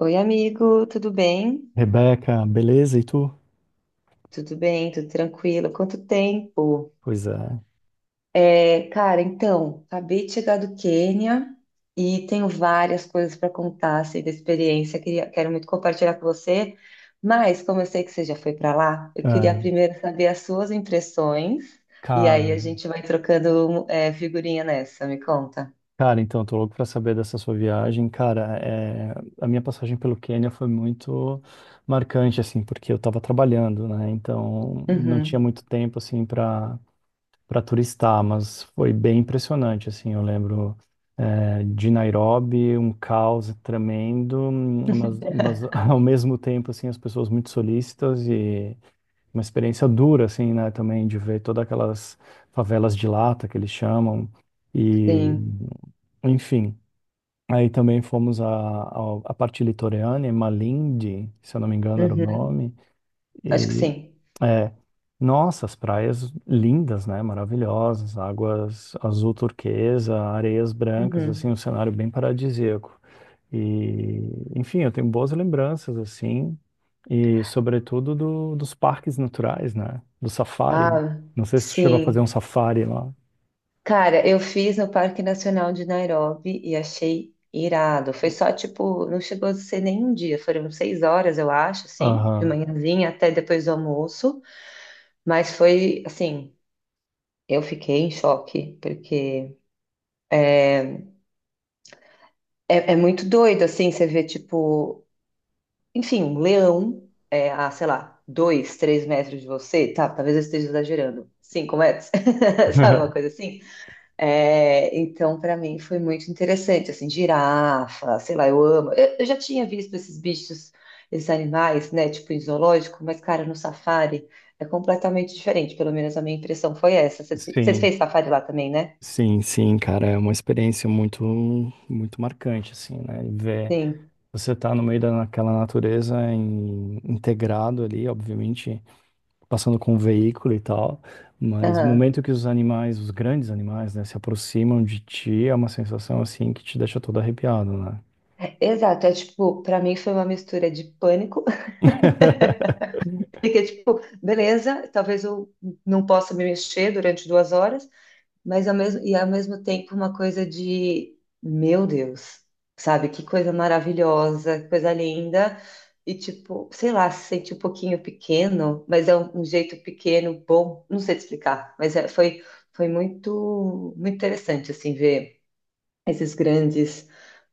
Oi, amigo, tudo bem? Rebeca, beleza? E tu? Tudo bem, tudo tranquilo. Quanto tempo? Pois é. É, cara, então, acabei de chegar do Quênia e tenho várias coisas para contar assim, da experiência. Quero muito compartilhar com você, mas como eu sei que você já foi para lá, eu queria É, primeiro saber as suas impressões e aí a cara, gente vai trocando figurinha nessa. Me conta. cara, então, tô louco pra saber dessa sua viagem. Cara, é, a minha passagem pelo Quênia foi muito marcante, assim, porque eu tava trabalhando, né? Então, não tinha Uhum, muito tempo, assim, pra para turistar, mas foi bem impressionante, assim, eu lembro de Nairobi, um caos tremendo, mas ao mesmo tempo, assim, as pessoas muito solícitas e uma experiência dura, assim, né, também de ver todas aquelas favelas de lata que eles chamam e, sim. enfim. Aí também fomos à parte litorânea, Malindi, se eu não me engano era o Uhum, nome, acho que e sim. é, nossa, as praias lindas, né? Maravilhosas, águas azul turquesa, areias brancas, assim, um Uhum. cenário bem paradisíaco. E, enfim, eu tenho boas lembranças, assim, e sobretudo dos parques naturais, né? Do safari. Ah, Não sei se tu chegou a fazer um sim. safari lá. Cara, eu fiz no Parque Nacional de Nairobi e achei irado. Foi só, tipo, não chegou a ser nem um dia, foram 6 horas, eu acho, assim, de Aham. manhãzinha até depois do almoço. Mas foi, assim, eu fiquei em choque, porque é muito doido, assim, você vê, tipo, enfim, um leão, sei lá, 2, 3 metros de você, tá? Talvez eu esteja exagerando, 5 metros, sabe, uma coisa assim? É, então, para mim foi muito interessante, assim, girafa, sei lá, eu amo. Eu já tinha visto esses bichos, esses animais, né, tipo em zoológico, mas, cara, no safari é completamente diferente, pelo menos a minha impressão foi essa. Você Sim, fez safari lá também, né? sim, sim, cara, é uma experiência muito, muito marcante, assim, né? E Ver Sim. Você está no meio daquela natureza integrado ali, obviamente, passando com o veículo e tal, mas no Aham. momento que os animais, os grandes animais, né, se aproximam de ti, é uma sensação assim que te deixa todo arrepiado, né? Exato, é tipo, para mim foi uma mistura de pânico, porque, tipo, beleza, talvez eu não possa me mexer durante 2 horas. E ao mesmo tempo uma coisa de, meu Deus, sabe? Que coisa maravilhosa, que coisa linda. E tipo, sei lá, se sente um pouquinho pequeno, mas é um jeito pequeno, bom, não sei te explicar, mas foi muito, muito interessante, assim, ver esses grandes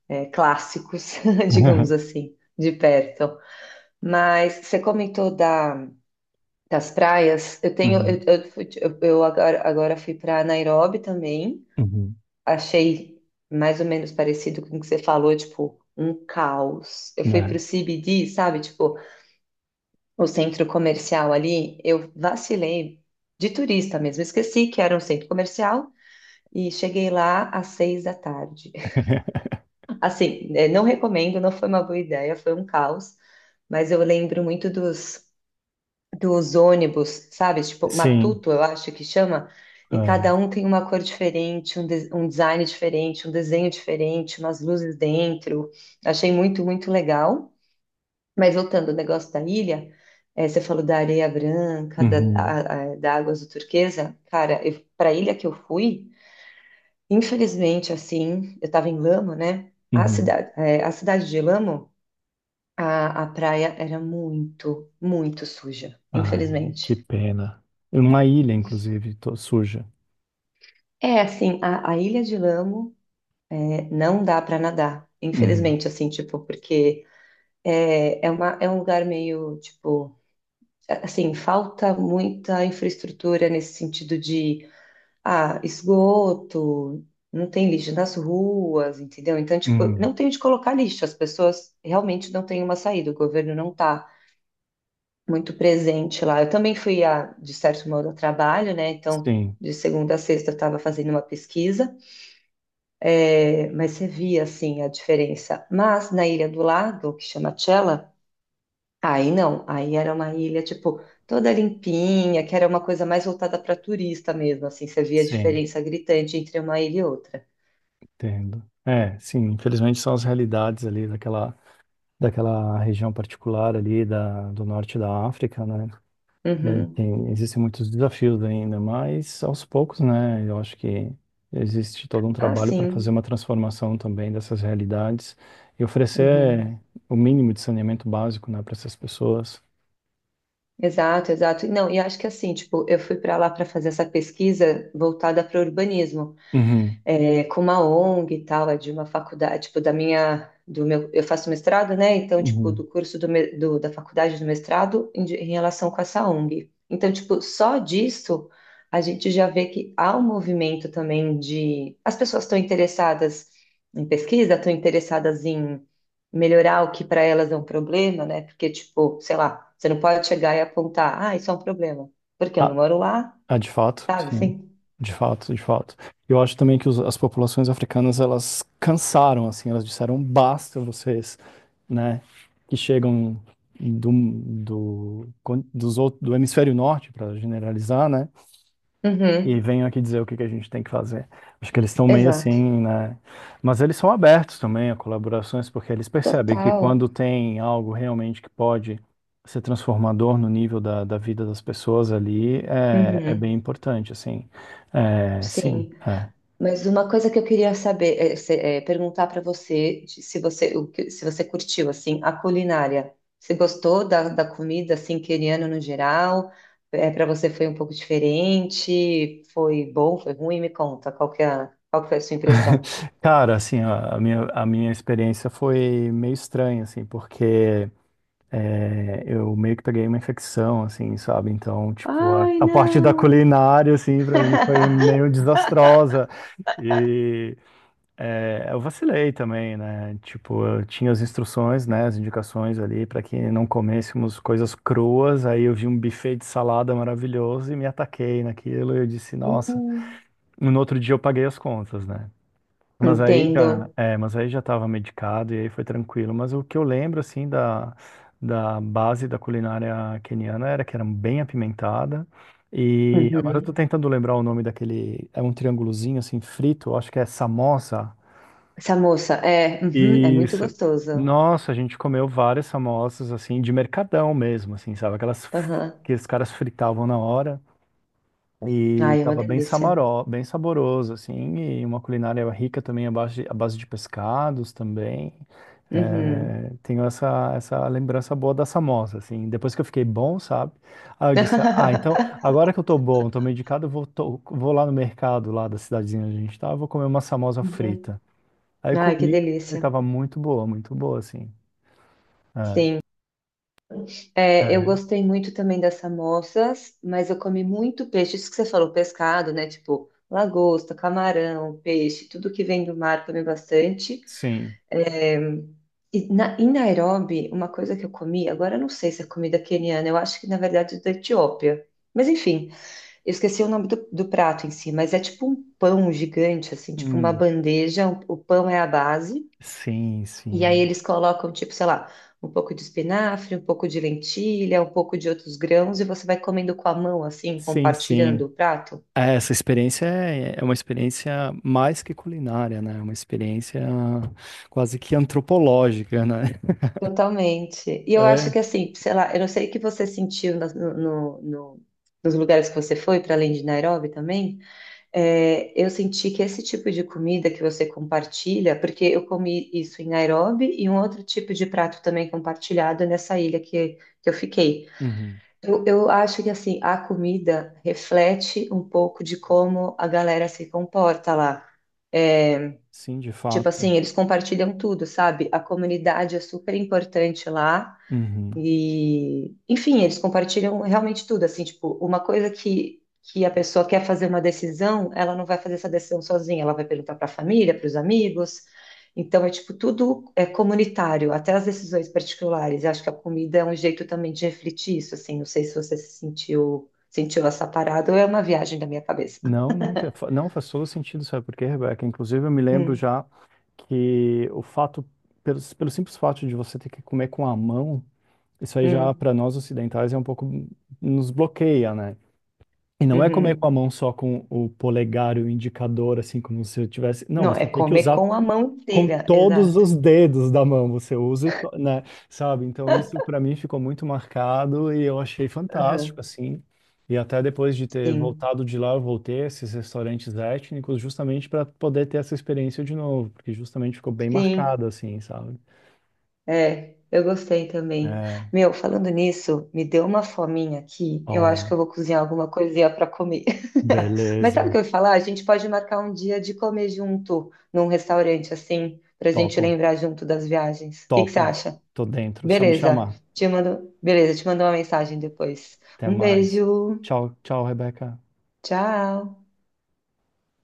clássicos, digamos assim, de perto. Mas você comentou da, das praias, eu tenho, Uhum, eu, fui- eu agora fui para Nairobi também, uhum, achei mais ou menos parecido com o que você falou, tipo, um caos. Eu fui pro né? CBD, sabe? Tipo, o centro comercial ali, eu vacilei de turista mesmo, esqueci que era um centro comercial e cheguei lá às 6 da tarde. Assim, não recomendo, não foi uma boa ideia, foi um caos, mas eu lembro muito dos ônibus, sabe? Tipo, Sim, Matuto, eu acho que chama. E cada é. um tem uma cor diferente, um design diferente, um desenho diferente, umas luzes dentro. Achei muito, muito legal. Mas voltando ao negócio da ilha, você falou da areia branca, da, Uhum, a- a- da água azul turquesa. Cara, para a ilha que eu fui, infelizmente, assim, eu estava em Lamo, né? A uhum. cidade, eh, a cidade de Lamo, a praia era muito, muito suja, Ah, que infelizmente. pena. Uma ilha, inclusive, suja. É, assim, a Ilha de Lamo não dá para nadar, Uhum, infelizmente, assim, tipo, porque é um lugar meio, tipo, assim, falta muita infraestrutura nesse sentido de, esgoto, não tem lixo nas ruas, entendeu? Então, tipo, uhum. não tem onde colocar lixo, as pessoas realmente não têm uma saída, o governo não tá muito presente lá. Eu também fui, de certo modo, a trabalho, né, então, Sim, de segunda a sexta eu estava fazendo uma pesquisa. É, mas você via assim a diferença. Mas na ilha do lado, que chama Tchela, aí não, aí era uma ilha tipo toda limpinha, que era uma coisa mais voltada para turista mesmo, assim, você via a sim. diferença gritante entre uma ilha e outra. Entendo. É, sim, infelizmente são as realidades ali daquela região particular ali do norte da África, né? É, Uhum. Existem muitos desafios ainda, mas aos poucos, né? Eu acho que existe todo um Ah, trabalho para fazer uma sim. transformação também dessas realidades e oferecer Uhum. o mínimo de saneamento básico, né, para essas pessoas. Exato, exato. Não, e acho que assim, tipo, eu fui para lá para fazer essa pesquisa voltada para urbanismo. Uhum, É com uma ONG e tal, é de uma faculdade, tipo, da minha, do meu, eu faço mestrado, né? Então, tipo, do uhum. curso da faculdade do mestrado em relação com essa ONG. Então, tipo, só disso a gente já vê que há um movimento também de, as pessoas estão interessadas em pesquisa, estão interessadas em melhorar o que para elas é um problema, né? Porque, tipo, sei lá, você não pode chegar e apontar, ah, isso é um problema, porque eu A- não moro lá, Ah, de fato, sabe, sim. assim? De fato, de fato. Eu acho também que as populações africanas, elas cansaram, assim, elas disseram, basta vocês, né, que chegam dos outros, do hemisfério norte, para generalizar, né, e Uhum, venham aqui dizer o que que a gente tem que fazer. Acho que eles estão meio exato. assim, né? Mas eles são abertos também a colaborações, porque eles percebem que Total. quando tem algo realmente que pode ser transformador no nível da vida das pessoas ali, é bem Uhum, importante, assim. É, sim, sim, é. mas uma coisa que eu queria saber, perguntar para você, se você curtiu, assim, a culinária. Você gostou da comida, assim, queriana no geral? É, para você foi um pouco diferente? Foi bom, foi ruim? Me conta, qual que foi a sua impressão? Cara, assim, a minha experiência foi meio estranha, assim, porque eu meio que peguei uma infecção, assim, sabe? Então, tipo, a, Ai, a parte da não! culinária, assim, pra mim foi meio desastrosa. E eu vacilei também, né? Tipo, eu tinha as instruções, né? As indicações ali para que não comêssemos coisas cruas. Aí eu vi um buffet de salada maravilhoso e me ataquei naquilo. E eu disse, nossa. Uhum. No outro dia eu paguei as contas, né? Mas aí Entendo. já, é, mas aí já estava medicado e aí foi tranquilo. Mas o que eu lembro, assim, da base da culinária queniana era que era bem apimentada. E agora eu tô Uhum. tentando lembrar o nome daquele. É um triângulozinho, assim, frito, eu acho que é samosa. Essa moça é muito Isso. gostosa. Nossa, a gente comeu várias samosas, assim, de mercadão mesmo, assim, sabe? Aquelas Aham. que os caras fritavam na hora. E Ai, é uma tava bem delícia. Bem saboroso, assim, e uma culinária rica também à base de pescados também. Uhum. É, tenho essa, lembrança boa da Samosa, assim, depois que eu fiquei bom, sabe? Aí eu disse, ah, então, agora que eu tô bom, tô medicado, eu vou lá no mercado, lá da cidadezinha onde a gente tava, vou comer uma Samosa frita. Aí eu Ai, que comi e delícia. tava muito boa, assim. É, Sim. É, eu é, gostei muito também das samosas, mas eu comi muito peixe. Isso que você falou, pescado, né? Tipo, lagosta, camarão, peixe, tudo que vem do mar, comi bastante. sim. E em Nairobi, uma coisa que eu comi, agora eu não sei se é comida queniana, eu acho que na verdade é da Etiópia. Mas enfim, eu esqueci o nome do prato em si, mas é tipo um pão gigante, assim, tipo uma Hum, bandeja, o pão é a base. sim, E aí sim. eles colocam, tipo, sei lá, um pouco de espinafre, um pouco de lentilha, um pouco de outros grãos, e você vai comendo com a mão, assim, Sim, compartilhando sim. o prato. É, essa experiência é uma experiência mais que culinária, né? É uma experiência quase que antropológica, né? Totalmente. E eu acho É, que assim, sei lá, eu não sei o que você sentiu nos lugares que você foi, para além de Nairobi também. É, eu senti que esse tipo de comida que você compartilha, porque eu comi isso em Nairobi e um outro tipo de prato também compartilhado nessa ilha que eu fiquei. uhum. Eu acho que assim, a comida reflete um pouco de como a galera se comporta lá. Sim, de Tipo fato. assim, eles compartilham tudo, sabe? A comunidade é super importante lá. Uhum. E, enfim, eles compartilham realmente tudo, assim, tipo, uma coisa que a pessoa quer fazer uma decisão, ela não vai fazer essa decisão sozinha, ela vai perguntar para a família, para os amigos. Então, é tipo, tudo é comunitário, até as decisões particulares. Eu acho que a comida é um jeito também de refletir isso, assim, não sei se você se sentiu essa parada ou é uma viagem da minha cabeça. Não, não, não faz todo sentido, sabe por quê, Rebeca? Inclusive, eu me lembro Hum, já que pelo simples fato de você ter que comer com a mão, isso aí já hum, para nós ocidentais é um pouco, nos bloqueia, né? E não é comer com a uhum. mão só com o polegar e o indicador, assim, como se eu tivesse. Não, Não, é você tem que comer usar com a mão com inteira, todos exato. os dedos da mão você usa, né? Sabe? Então isso para mim ficou muito marcado e eu achei Aham, fantástico assim. E até depois de ter sim, voltado de lá, eu voltei a esses restaurantes étnicos justamente para poder ter essa experiência de novo, porque justamente ficou bem sim. marcado assim, sabe? É, eu gostei também. É, Meu, falando nisso, me deu uma fominha aqui. Eu acho ó, que eu vou cozinhar alguma coisinha para comer. Mas sabe o beleza. que eu ia falar? A gente pode marcar um dia de comer junto num restaurante assim, pra gente Topo, lembrar junto das viagens. O que que você topo. acha? Tô dentro, só me Beleza. chamar. Beleza, te mando uma mensagem depois. Até Um mais. beijo. Tchau, tchau, Rebeca. Tchau.